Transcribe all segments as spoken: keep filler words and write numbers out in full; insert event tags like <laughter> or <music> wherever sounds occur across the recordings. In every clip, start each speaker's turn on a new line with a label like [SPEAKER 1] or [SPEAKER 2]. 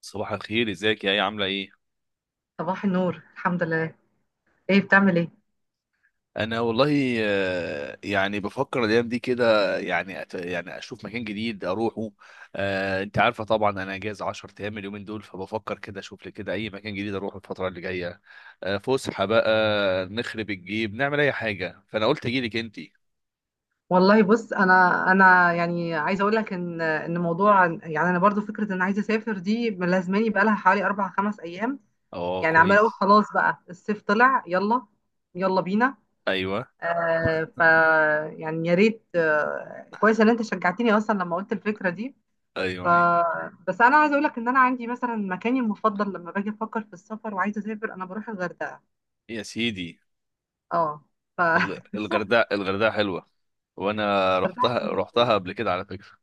[SPEAKER 1] صباح الخير، ازيك؟ يا ايه، عامله ايه؟
[SPEAKER 2] صباح النور، الحمد لله. ايه بتعمل ايه؟
[SPEAKER 1] انا والله، آه، يعني بفكر الايام دي كده، يعني أت... يعني اشوف مكان جديد اروحه. آه، انت عارفه طبعا انا اجازه عشر ايام اليومين دول، فبفكر كده اشوف لي كده اي مكان جديد اروحه الفتره اللي جايه. آه، فسحه بقى. نخرب الجيب نعمل اي حاجه، فانا قلت اجي لك انت.
[SPEAKER 2] والله بص، انا انا يعني عايزه اقول لك ان ان موضوع، يعني انا برضو فكره ان عايزه اسافر دي ملازماني بقالها حوالي اربع خمس ايام.
[SPEAKER 1] اه،
[SPEAKER 2] يعني عماله اقول
[SPEAKER 1] كويس.
[SPEAKER 2] خلاص بقى الصيف طلع، يلا يلا بينا.
[SPEAKER 1] ايوه،
[SPEAKER 2] آه ف يعني يا ريت، آه كويس ان انت شجعتني اصلا لما قلت الفكره دي. ف
[SPEAKER 1] ايوه.
[SPEAKER 2] بس انا عايزه اقول لك ان انا عندي مثلا مكاني المفضل لما باجي افكر في السفر وعايزه اسافر انا بروح الغردقه.
[SPEAKER 1] يا سيدي.
[SPEAKER 2] اه. ف
[SPEAKER 1] ال-
[SPEAKER 2] <laughs>
[SPEAKER 1] الغردقه الغردقه حلوه. وانا
[SPEAKER 2] الغردقه
[SPEAKER 1] رحتها
[SPEAKER 2] حلوه جدا،
[SPEAKER 1] رحتها قبل كده على فكره.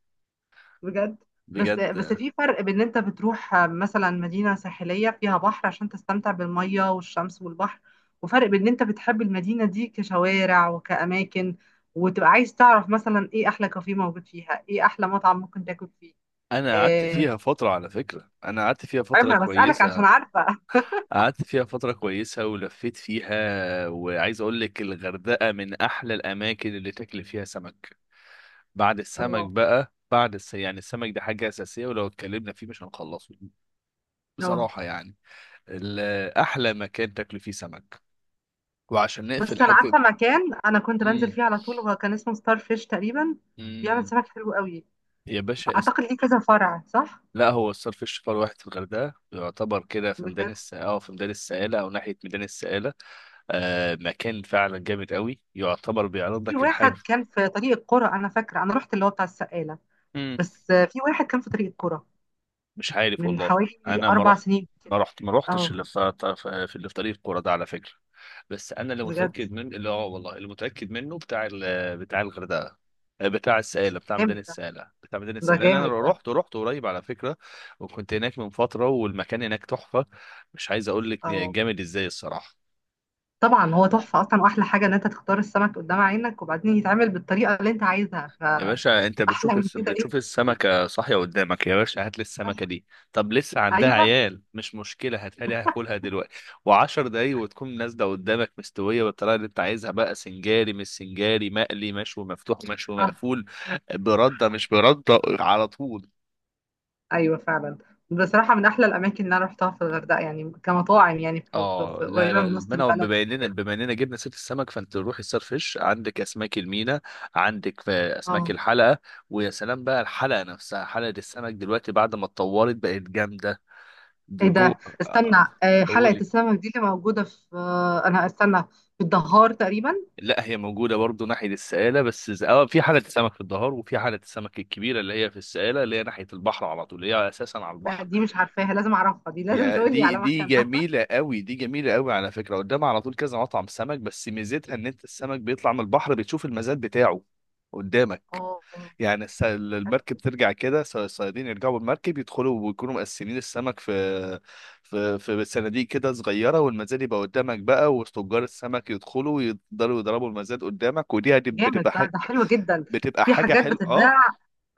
[SPEAKER 2] بجد. بس
[SPEAKER 1] بجد.
[SPEAKER 2] بس في فرق بين ان انت بتروح مثلا مدينة ساحلية فيها بحر عشان تستمتع بالمية والشمس والبحر، وفرق بين ان انت بتحب المدينة دي كشوارع وكأماكن، وتبقى عايز تعرف مثلا ايه احلى كافيه موجود فيها، ايه احلى مطعم ممكن تاكل فيه.
[SPEAKER 1] انا قعدت
[SPEAKER 2] آه،
[SPEAKER 1] فيها فتره على فكره، انا قعدت فيها
[SPEAKER 2] عيب
[SPEAKER 1] فتره
[SPEAKER 2] انا بسألك عشان
[SPEAKER 1] كويسه.
[SPEAKER 2] عارفة.
[SPEAKER 1] قعدت فيها فتره كويسه ولفيت فيها، وعايز اقول لك الغردقه من احلى الاماكن اللي تاكل فيها سمك. بعد
[SPEAKER 2] <laughs>
[SPEAKER 1] السمك
[SPEAKER 2] الله.
[SPEAKER 1] بقى، بعد الس... يعني السمك ده حاجه اساسيه، ولو اتكلمنا فيه مش هنخلصه.
[SPEAKER 2] اه.
[SPEAKER 1] بصراحه يعني. ال- احلى مكان تاكل فيه سمك، وعشان نقفل
[SPEAKER 2] بس انا
[SPEAKER 1] حته.
[SPEAKER 2] عارفة مكان انا كنت بنزل
[SPEAKER 1] امم.
[SPEAKER 2] فيه على طول، هو كان اسمه ستار فيش تقريبا، بيعمل
[SPEAKER 1] امم.
[SPEAKER 2] سمك حلو قوي.
[SPEAKER 1] يا باشا است...
[SPEAKER 2] اعتقد ليه كذا فرع، صح؟
[SPEAKER 1] لا، هو الصرف الشفار واحد في الغردقه، يعتبر كده في ميدان
[SPEAKER 2] بجد.
[SPEAKER 1] الس... اه في ميدان السائله او ناحيه ميدان السائله. آه مكان فعلا جامد قوي، يعتبر بيعرض
[SPEAKER 2] في
[SPEAKER 1] لك
[SPEAKER 2] واحد
[SPEAKER 1] الحاجة.
[SPEAKER 2] كان في طريق القرى، انا فاكره انا رحت اللي هو بتاع السقاله.
[SPEAKER 1] امم.
[SPEAKER 2] بس، آه، في واحد كان في طريق القرى
[SPEAKER 1] مش عارف
[SPEAKER 2] من
[SPEAKER 1] والله.
[SPEAKER 2] حوالي
[SPEAKER 1] انا ما
[SPEAKER 2] اربع
[SPEAKER 1] رحت
[SPEAKER 2] سنين
[SPEAKER 1] ما رحت ما رحتش
[SPEAKER 2] اه.
[SPEAKER 1] اللي في في اللي في طريق القرى ده على فكرة. بس انا اللي
[SPEAKER 2] بجد.
[SPEAKER 1] متأكد من، اللي هو والله اللي متأكد منه بتاع ال... بتاع الغردقة. آه، بتاع السائلة، بتاع ميدان
[SPEAKER 2] جامد ده،
[SPEAKER 1] السائلة، بتاع ميدان
[SPEAKER 2] ده
[SPEAKER 1] السائلة، لأن
[SPEAKER 2] جامد
[SPEAKER 1] انا
[SPEAKER 2] ده.
[SPEAKER 1] رحت رحت قريب على فكرة. وكنت هناك من فترة، والمكان هناك تحفة. مش عايز اقول لك
[SPEAKER 2] اه،
[SPEAKER 1] جامد ازاي الصراحة.
[SPEAKER 2] طبعا هو تحفه اصلا، واحلى حاجه ان انت تختار السمك قدام عينك وبعدين يتعمل بالطريقه اللي انت عايزها.
[SPEAKER 1] يا باشا انت
[SPEAKER 2] فاحلى
[SPEAKER 1] بتشوف
[SPEAKER 2] من
[SPEAKER 1] الس...
[SPEAKER 2] كده
[SPEAKER 1] بتشوف
[SPEAKER 2] ايه؟
[SPEAKER 1] السمكة صاحية قدامك، يا باشا هات لي السمكة
[SPEAKER 2] صح.
[SPEAKER 1] دي. طب لسه عندها
[SPEAKER 2] ايوه
[SPEAKER 1] عيال، مش مشكلة، هاتها لي هاكلها دلوقتي. وعشر دقايق وتكون نازلة قدامك مستوية بالطريقة اللي انت عايزها بقى، سنجاري مش سنجاري، مقلي، مشوي مفتوح، مشوي
[SPEAKER 2] صح.
[SPEAKER 1] مقفول. بردة مش بردة، على طول.
[SPEAKER 2] ايوه فعلا. بصراحه من احلى الاماكن اللي انا رحتها في الغردقه، يعني كمطاعم، يعني في في-
[SPEAKER 1] اه،
[SPEAKER 2] في-
[SPEAKER 1] لا،
[SPEAKER 2] قريبه
[SPEAKER 1] لا،
[SPEAKER 2] من وسط
[SPEAKER 1] المنع،
[SPEAKER 2] البلد
[SPEAKER 1] بما اننا
[SPEAKER 2] الحاجات.
[SPEAKER 1] بما اننا جبنا سيره السمك، فانت روح السار فيش، عندك اسماك المينا. عندك في اسماك الحلقه. ويا سلام بقى، الحلقه نفسها، حلقه السمك دلوقتي بعد ما اتطورت بقت جامده.
[SPEAKER 2] ايه
[SPEAKER 1] جوه.
[SPEAKER 2] ده، استنى.
[SPEAKER 1] آه،
[SPEAKER 2] آه، حلقة
[SPEAKER 1] قولي.
[SPEAKER 2] السمك دي اللي موجودة في، آه، انا استنى، في الدهار تقريبا.
[SPEAKER 1] لا، هي موجودة برضو ناحية السقالة، بس ز- اه في حالة السمك في الظهر، وفي حالة السمك الكبيرة اللي هي في السقالة، اللي هي ناحية البحر على طول، اللي هي أساسا على
[SPEAKER 2] لا
[SPEAKER 1] البحر.
[SPEAKER 2] دي مش عارفاها، لازم اعرفها، دي لازم
[SPEAKER 1] يا
[SPEAKER 2] تقول لي
[SPEAKER 1] دي،
[SPEAKER 2] على
[SPEAKER 1] دي
[SPEAKER 2] مكانها. <laughs>
[SPEAKER 1] جميلة قوي، دي جميلة قوي على فكرة، قدامها على طول كذا مطعم سمك، بس ميزتها إن أنت السمك بيطلع من البحر بتشوف المزاد بتاعه قدامك.
[SPEAKER 2] اه،
[SPEAKER 1] يعني الس- المركب ترجع كده، الص- الصيادين يرجعوا بالمركب يدخلوا ويكونوا مقسمين السمك في في في صناديق كده صغيرة، والمزاد يبقى قدامك بقى، وتجار السمك يدخلوا يقدروا يضربوا المزاد قدامك، ودي هت-
[SPEAKER 2] جامد
[SPEAKER 1] بتبقى
[SPEAKER 2] ده،
[SPEAKER 1] حاجة.
[SPEAKER 2] ده حلو جدا.
[SPEAKER 1] بتبقى
[SPEAKER 2] في
[SPEAKER 1] حاجة
[SPEAKER 2] حاجات
[SPEAKER 1] حلوة، اه.
[SPEAKER 2] بتتباع.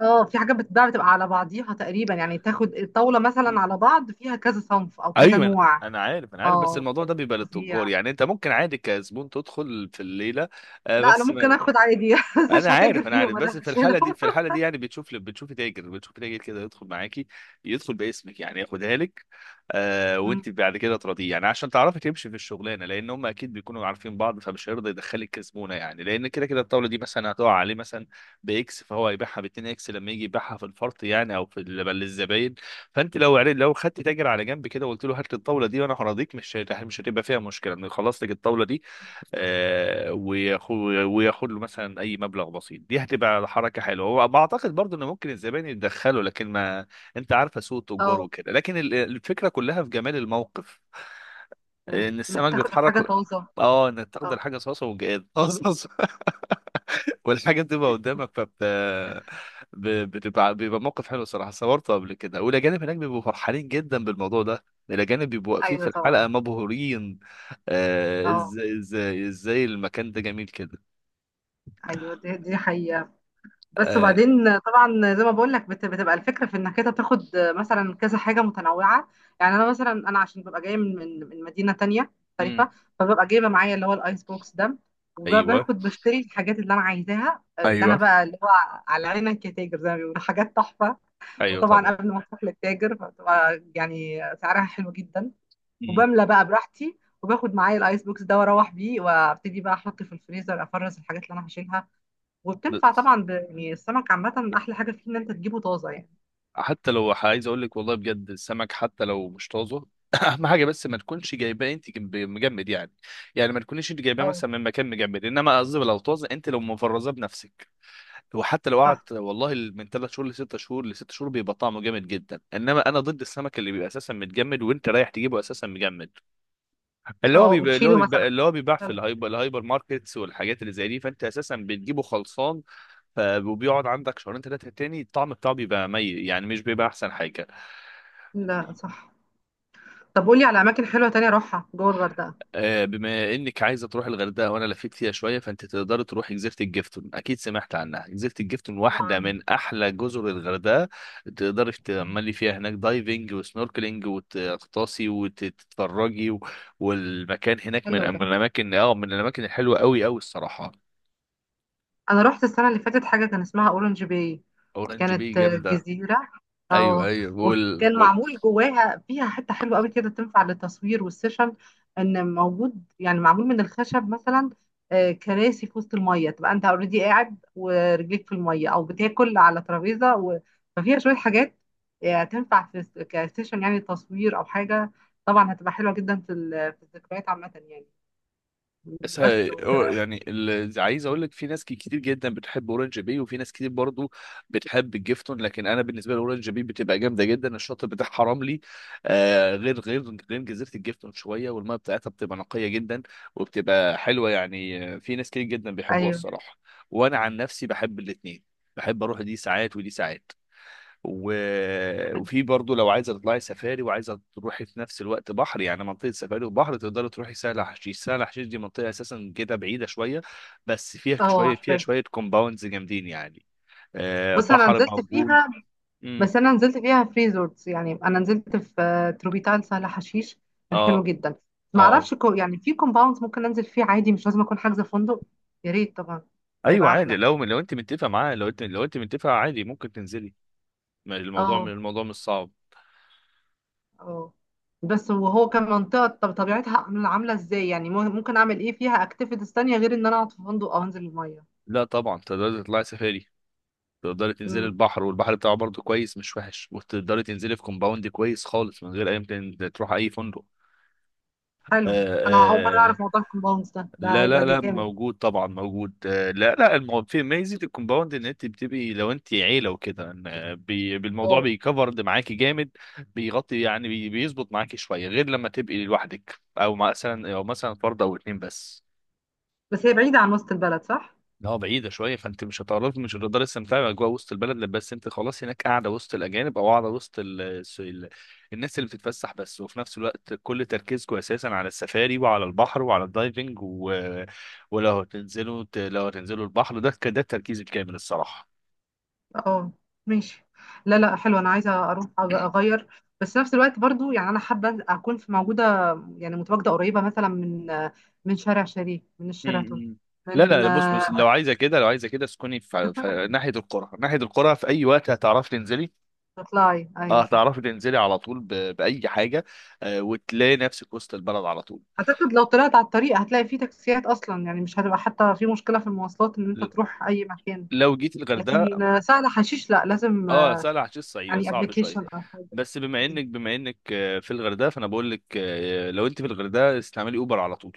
[SPEAKER 2] اه في حاجات بتتباع بتبقى على بعضيها تقريبا، يعني تاخد الطاولة مثلا على بعض فيها كذا صنف او كذا
[SPEAKER 1] ايوه، انا
[SPEAKER 2] نوع.
[SPEAKER 1] أنا عارف، انا عارف، بس
[SPEAKER 2] اه،
[SPEAKER 1] الموضوع ده بيبقى للتجار،
[SPEAKER 2] فظيع.
[SPEAKER 1] يعني انت ممكن عادي كزبون تدخل في الليله. آه،
[SPEAKER 2] لا انا
[SPEAKER 1] بس
[SPEAKER 2] ممكن اخد عادي <laughs> بس مش
[SPEAKER 1] انا
[SPEAKER 2] هتاجر
[SPEAKER 1] عارف، انا عارف،
[SPEAKER 2] فيهم،
[SPEAKER 1] بس
[SPEAKER 2] انا
[SPEAKER 1] في الحاله
[SPEAKER 2] هشيلهم.
[SPEAKER 1] دي، في
[SPEAKER 2] <laughs>
[SPEAKER 1] الحاله دي، يعني بتشوف بتشوف تاجر بتشوف تاجر كده يدخل معاكي. يدخل باسمك يعني، ياخدها لك. آه
[SPEAKER 2] أمم،
[SPEAKER 1] وانت بعد كده تراضيه يعني، عشان تعرفي تمشي في الشغلانه، لان هم اكيد بيكونوا عارفين بعض، فمش هيرضى يدخلك كزبونه يعني، لان كده كده الطاوله دي مثلا هتقع عليه مثلا باكس، فهو هيبيعها ب اتنين اكس لما يجي يبيعها في الفرط يعني، او في ال- للزباين. فانت لو عرفت- لو خدت تاجر على جنب كده وقلت له هات لي الطاوله دي وانا هراضيك، مش هت- مش هتبقى فيها مشكله انه يخلص لك الطاوله دي. آه، وياخد وياخد له مثلا اي مبلغ بسيط، دي هتبقى حركه حلوه، هو بعتقد برضو ان ممكن الزبائن يتدخلوا، لكن ما انت عارفه سوق التجار
[SPEAKER 2] اه.
[SPEAKER 1] وكده، لكن ال- الفكره كلها في جمال الموقف.
[SPEAKER 2] أمم،
[SPEAKER 1] ان
[SPEAKER 2] انك
[SPEAKER 1] السمك
[SPEAKER 2] تاخد
[SPEAKER 1] بيتحرك.
[SPEAKER 2] الحاجة طازة.
[SPEAKER 1] اه، انك تاخد
[SPEAKER 2] اه.
[SPEAKER 1] الحاجه صاصه وجاد. <laughs> والحاجة بتبقى قدامك، فبت ب- بتبقى بيبقى موقف حلو صراحة، صورته قبل كده، والأجانب هناك بيبقوا فرحانين جدا بالموضوع ده. الأجانب بيبقوا واقفين في
[SPEAKER 2] ايوه
[SPEAKER 1] الحلقة
[SPEAKER 2] طبعا.
[SPEAKER 1] مبهورين. آه،
[SPEAKER 2] اه.
[SPEAKER 1] ازاي ازاي ازاي المكان ده جميل كده.
[SPEAKER 2] ايوه دي دي حقيقة. بس
[SPEAKER 1] آه،
[SPEAKER 2] وبعدين طبعا زي ما بقول لك، بت- بتبقى الفكرة في انك انت تاخد مثلا كذا حاجة متنوعة. يعني انا مثلا انا عشان ببقى جاية من من من مدينة تانية
[SPEAKER 1] امم.
[SPEAKER 2] مختلفة، فببقى جايبة معايا اللي هو الايس بوكس ده،
[SPEAKER 1] ايوه،
[SPEAKER 2] وباخد بشتري الحاجات اللي انا عايزاها، اللي انا
[SPEAKER 1] ايوه،
[SPEAKER 2] بقى اللي هو على عينك يا تاجر زي ما بيقولوا، حاجات تحفة.
[SPEAKER 1] ايوه،
[SPEAKER 2] وطبعا
[SPEAKER 1] طبعا.
[SPEAKER 2] قبل ما اروح للتاجر فبتبقى يعني سعرها حلو جدا،
[SPEAKER 1] امم.
[SPEAKER 2] وبملى بقى براحتي، وباخد معايا الايس بوكس ده واروح بيه، وابتدي بقى احط في الفريزر، افرز الحاجات اللي انا هشيلها.
[SPEAKER 1] ب-
[SPEAKER 2] وبتنفع طبعا ب... يعني السمك عامة أحلى حاجة فيه إن أنت تجيبه طازة يعني.
[SPEAKER 1] حتى لو ح- عايز اقول لك والله بجد، السمك حتى لو مش طازه، <clears throat> اهم حاجه بس ما تكونش جايباه انت جنب- مجمد يعني. يعني ما تكونيش انت جايباه
[SPEAKER 2] اه
[SPEAKER 1] مثلا من مكان مجمد، انما قصدي لو طازه انت لو مفرزاه بنفسك. وحتى لو قعد
[SPEAKER 2] صح.
[SPEAKER 1] والله من ثلاث شهور لست شهور، لست شهور، بيبقى طعمه جامد جدا، انما انا ضد السمك اللي بيبقى اساسا متجمد وانت رايح تجيبه اساسا مجمد. اللي هو
[SPEAKER 2] اه
[SPEAKER 1] بيبقى اللي هو
[SPEAKER 2] وتشيله مثلا.
[SPEAKER 1] بيبقى اللي هو بيباع في
[SPEAKER 2] لا.
[SPEAKER 1] الهايبر الهايبر ماركتس والحاجات اللي زي دي، فانت اساسا بتجيبه خلصان. ف- وبيقعد عندك شهرين ثلاثه تاني، الطعم بتاعه بيبقى مي يعني، مش بيبقى احسن حاجه.
[SPEAKER 2] لا، صح. طب قولي على أماكن حلوة تانية أروحها جوه الغردقة.
[SPEAKER 1] آه، بما انك عايزه تروح الغردقه وانا لفيت فيها شويه، فانت تقدر تروحي جزيره الجفتون، اكيد سمعت عنها، جزيره الجفتون واحده
[SPEAKER 2] طبعا.
[SPEAKER 1] من احلى جزر الغردقه. تقدري تعملي فيها هناك دايفنج وسنوركلينج، وتغطاسي وتتفرجي. و... والمكان هناك من
[SPEAKER 2] حلو ده.
[SPEAKER 1] من الاماكن اه من الاماكن الحلوه قوي قوي الصراحه.
[SPEAKER 2] أنا رحت السنة اللي فاتت حاجة كان اسمها أورنج باي،
[SPEAKER 1] اورنج بي
[SPEAKER 2] كانت
[SPEAKER 1] جامده.
[SPEAKER 2] جزيرة.
[SPEAKER 1] ايوه،
[SPEAKER 2] اه.
[SPEAKER 1] ايوه وال...
[SPEAKER 2] وكان
[SPEAKER 1] وال...
[SPEAKER 2] معمول جواها فيها حتة حلوة قوي كده تنفع للتصوير والسيشن، ان موجود يعني معمول من الخشب مثلا، آه، كراسي في وسط المية تبقى انت اوريدي قاعد ورجليك في المية او بتاكل على ترابيزة و... ففيها شوية حاجات آه، تنفع في س- كسيشن، يعني تصوير او حاجة. طبعا هتبقى حلوة جدا في ال- في الذكريات عامة يعني.
[SPEAKER 1] بس
[SPEAKER 2] بس
[SPEAKER 1] هي-
[SPEAKER 2] و...
[SPEAKER 1] أو- يعني اللي عايز اقول لك في ناس ك- كتير جدا بتحب اورنج بي، وفي ناس كتير برضو بتحب الجيفتون، لكن انا بالنسبه لي اورنج بي بتبقى جامده جدا، الشاطئ بتاعها رملي. آه غير غير غير جزيره الجيفتون شويه، والميه بتاعتها بتبقى نقيه جدا. وبتبقى حلوه يعني، آه، في ناس كتير جدا بيحبوها
[SPEAKER 2] ايوه.
[SPEAKER 1] الصراحه. وانا عن نفسي بحب الاثنين. بحب اروح دي ساعات ودي ساعات. و... وفي برضو لو عايزه تطلعي سفاري وعايزه تروحي في نفس الوقت بحر، يعني منطقه سفاري وبحر، تقدري تروحي سهل حشيش. سهل حشيش دي منطقه اساسا كده بعيده شويه، بس فيها
[SPEAKER 2] اه
[SPEAKER 1] شويه فيها
[SPEAKER 2] عارفاها.
[SPEAKER 1] شويه كومباوندز جامدين يعني. آه
[SPEAKER 2] بص انا
[SPEAKER 1] بحر
[SPEAKER 2] نزلت
[SPEAKER 1] موجود.
[SPEAKER 2] فيها،
[SPEAKER 1] امم.
[SPEAKER 2] بس انا نزلت فيها في ريزورتس، يعني انا نزلت في، آه، تروبيتال سهل حشيش، كان حلو
[SPEAKER 1] اه.
[SPEAKER 2] جدا. ما
[SPEAKER 1] اه،
[SPEAKER 2] اعرفش كو يعني في كومباوندز ممكن انزل فيه عادي مش لازم اكون حاجزه فندق. يا ريت طبعا. ده
[SPEAKER 1] ايوه،
[SPEAKER 2] هيبقى
[SPEAKER 1] عادي،
[SPEAKER 2] احلى.
[SPEAKER 1] لو لو انت متفقه معاه، لو انت لو انت متفقه عادي ممكن تنزلي. ما الموضوع، من
[SPEAKER 2] اه.
[SPEAKER 1] الموضوع مش صعب.
[SPEAKER 2] اه بس وهو كان منطقه، طب طبيعتها عامله عاملة ازاي يعني، مو- ممكن اعمل ايه فيها اكتيفيتيز تانية غير ان انا اقعد في فندق او انزل الميه.
[SPEAKER 1] لا، طبعا تقدري تطلعي سفاري. تقدري تنزلي
[SPEAKER 2] امم.
[SPEAKER 1] البحر، والبحر بتاعه برضه كويس مش وحش، وتقدري تنزلي في كومباوند كويس خالص من غير اي متن- تروح اي فندق. آه
[SPEAKER 2] حلو. انا اول مره
[SPEAKER 1] آه
[SPEAKER 2] اعرف موضوع الكومباوندز ده، ده
[SPEAKER 1] لا، لا،
[SPEAKER 2] هيبقى
[SPEAKER 1] لا،
[SPEAKER 2] جامد.
[SPEAKER 1] موجود طبعا، موجود، آه لا، لا، المو... في ميزه الكومباوند ان انت بتبقي لو انت عيله وكده، إن، آه، بي... بالموضوع
[SPEAKER 2] اه.
[SPEAKER 1] بيكفرد معاكي جامد. بيغطي يعني، بي... بيظبط معاكي شويه، غير لما تبقي لوحدك، او مثلا او مثلا فرد او اتنين بس.
[SPEAKER 2] بس هي بعيده عن وسط البلد، صح؟
[SPEAKER 1] اه، بعيدة شوية، فانت مش هتعرف مش هتقدر تستمتعي بأجواء وسط البلد، لا، بس انت خلاص هناك قاعدة وسط الأجانب، أو قاعدة وسط ال... الس- ال... الناس اللي بتتفسح بس، وفي نفس الوقت كل تركيزكم أساسا على السفاري وعلى البحر وعلى الدايفنج. و... ولو هتنزلوا ت- لو هتنزلوا البحر ده، ك- ده التركيز الكامل الصراحة.
[SPEAKER 2] اه. ماشي. لا لا حلو انا عايزه اروح أغ- اغير. بس نفس الوقت برضو يعني انا حابه اكون في موجوده، يعني متواجده قريبه مثلا من من شارع شريف، من
[SPEAKER 1] م-
[SPEAKER 2] الشيراتون،
[SPEAKER 1] م. لا، لا،
[SPEAKER 2] من،
[SPEAKER 1] لا، بص
[SPEAKER 2] آه،
[SPEAKER 1] بص لو عايزة كده، لو عايزة كده اسكني في... في ناحية القرى، ناحية القرى في أي وقت هتعرفي تنزلي.
[SPEAKER 2] تطلعي
[SPEAKER 1] اه،
[SPEAKER 2] ايوه صح.
[SPEAKER 1] هتعرفي تنزلي على طول ب... بأي حاجة. آه وتلاقي نفسك وسط البلد على طول.
[SPEAKER 2] اعتقد لو طلعت على الطريق هتلاقي فيه تاكسيات اصلا، يعني مش هتبقى حتى في مشكله في المواصلات ان انت تروح اي مكان.
[SPEAKER 1] لو جيت
[SPEAKER 2] لكن،
[SPEAKER 1] الغردقه.
[SPEAKER 2] آه، سهل حشيش لا لازم،
[SPEAKER 1] اه،
[SPEAKER 2] آه،
[SPEAKER 1] سهل عشان الصعيد
[SPEAKER 2] يعني
[SPEAKER 1] صعب شويه.
[SPEAKER 2] ابلكيشن او حاجه.
[SPEAKER 1] بس بما انك بما انك آه، في الغردقه، فانا بقول لك، آه، لو انت في الغردقه استعملي اوبر على طول.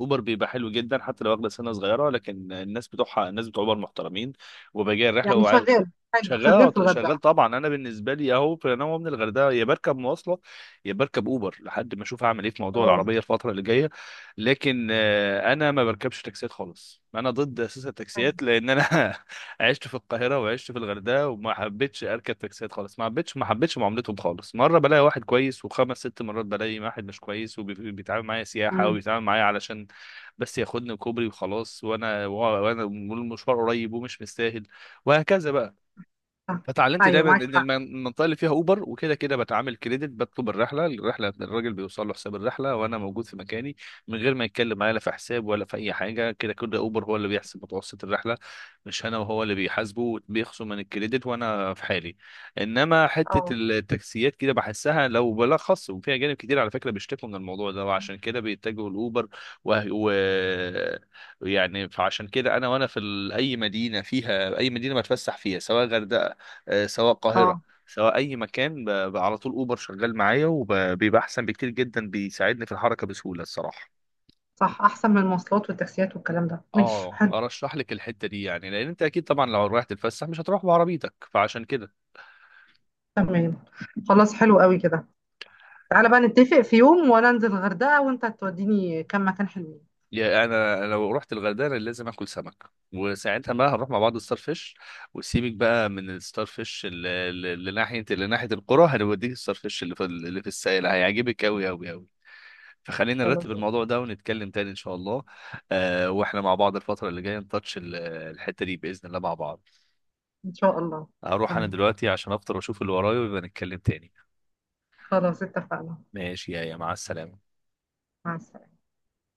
[SPEAKER 1] اوبر بيبقى حلو جدا، حتى لو واخده سنه صغيره، لكن الناس بتوعها الناس بتوع اوبر محترمين. وبيجي
[SPEAKER 2] يعني
[SPEAKER 1] الرحله.
[SPEAKER 2] شغال حلو، شغال
[SPEAKER 1] شغال،
[SPEAKER 2] في
[SPEAKER 1] شغال
[SPEAKER 2] الغردقه.
[SPEAKER 1] طبعا، انا بالنسبه لي، اهو في، انا من الغردقه يا بركب مواصله يا بركب اوبر، لحد ما اشوف هعمل ايه في موضوع
[SPEAKER 2] اه
[SPEAKER 1] العربيه الفتره اللي جايه. لكن آه، انا ما بركبش تاكسيات خالص، انا ضد اساس
[SPEAKER 2] حلو.
[SPEAKER 1] التاكسيات لان انا <laughs> عشت في القاهره وعشت في الغردقه، وما حبيتش اركب تاكسيات خالص، ما حبيتش ما حبيتش معاملتهم خالص، مره بلاقي واحد كويس، وخمس ست مرات بلاقي واحد مش كويس وبيتعامل معايا سياحه،
[SPEAKER 2] امم.
[SPEAKER 1] وبيتعامل معايا علشان بس ياخدني كوبري وخلاص، وانا وانا والمشوار قريب ومش مستاهل، وهكذا بقى.
[SPEAKER 2] صح.
[SPEAKER 1] فتعلمت
[SPEAKER 2] ايوه
[SPEAKER 1] دايما ان
[SPEAKER 2] معاك حق.
[SPEAKER 1] الم- المنطقه اللي فيها اوبر وكده كده بتعامل كريدت، بطلب الرحله، الرحله الراجل بيوصل له حساب الرحله وانا موجود في مكاني، من غير ما يتكلم معايا لا في حساب ولا في اي حاجه، كده كده اوبر هو اللي بيحسب متوسط الرحله، مش انا، وهو اللي بيحاسبه، بيخصم من الكريدت وانا في حالي. انما حته
[SPEAKER 2] اه.
[SPEAKER 1] التاكسيات كده بحسها لو بلخص وفيها جانب كتير، على فكره بيشتكوا من الموضوع ده وعشان كده بيتجهوا الاوبر. و... و... يعني فعشان كده انا، وانا في ال- اي مدينه فيها، اي مدينه بتفسح فيها، سواء غردقه، آه، سواء القاهرة،
[SPEAKER 2] اه
[SPEAKER 1] سواء أي مكان، ب- ب- على طول أوبر شغال معايا، وبيبقى أحسن بكتير جدا، بيساعدني في الحركة بسهولة الصراحة.
[SPEAKER 2] صح، احسن من المواصلات والتاكسيات والكلام ده. ماشي
[SPEAKER 1] اه،
[SPEAKER 2] حلو.
[SPEAKER 1] ارشح لك الحته دي يعني، لان انت اكيد طبعا لو رايح تتفسح مش هتروح بعربيتك، فعشان كده.
[SPEAKER 2] تمام. خلاص حلو قوي كده. تعالى بقى نتفق في يوم وانا انزل الغردقة وانت توديني كم مكان حلوين.
[SPEAKER 1] يعني انا لو رحت الغردقه لازم اكل سمك، وساعتها بقى هنروح مع بعض الستار فيش. وسيبك بقى من الستار فيش اللي اللي- اللي ناحيه اللي ناحيه القرى، هنوديك الستار فيش اللي في اللي في السائل، هيعجبك قوي قوي قوي. فخلينا
[SPEAKER 2] خلاص.
[SPEAKER 1] نرتب الموضوع ده ونتكلم تاني ان شاء الله. آه واحنا مع بعض الفترة اللي جاية نتاتش ال- الحتة دي بإذن الله مع بعض.
[SPEAKER 2] ان شاء الله.
[SPEAKER 1] هروح انا
[SPEAKER 2] تمام.
[SPEAKER 1] دلوقتي عشان افطر واشوف اللي ورايا، ويبقى نتكلم تاني.
[SPEAKER 2] خلاص اتفقنا.
[SPEAKER 1] ماشي، يا يا مع السلامة.
[SPEAKER 2] مع السلامة.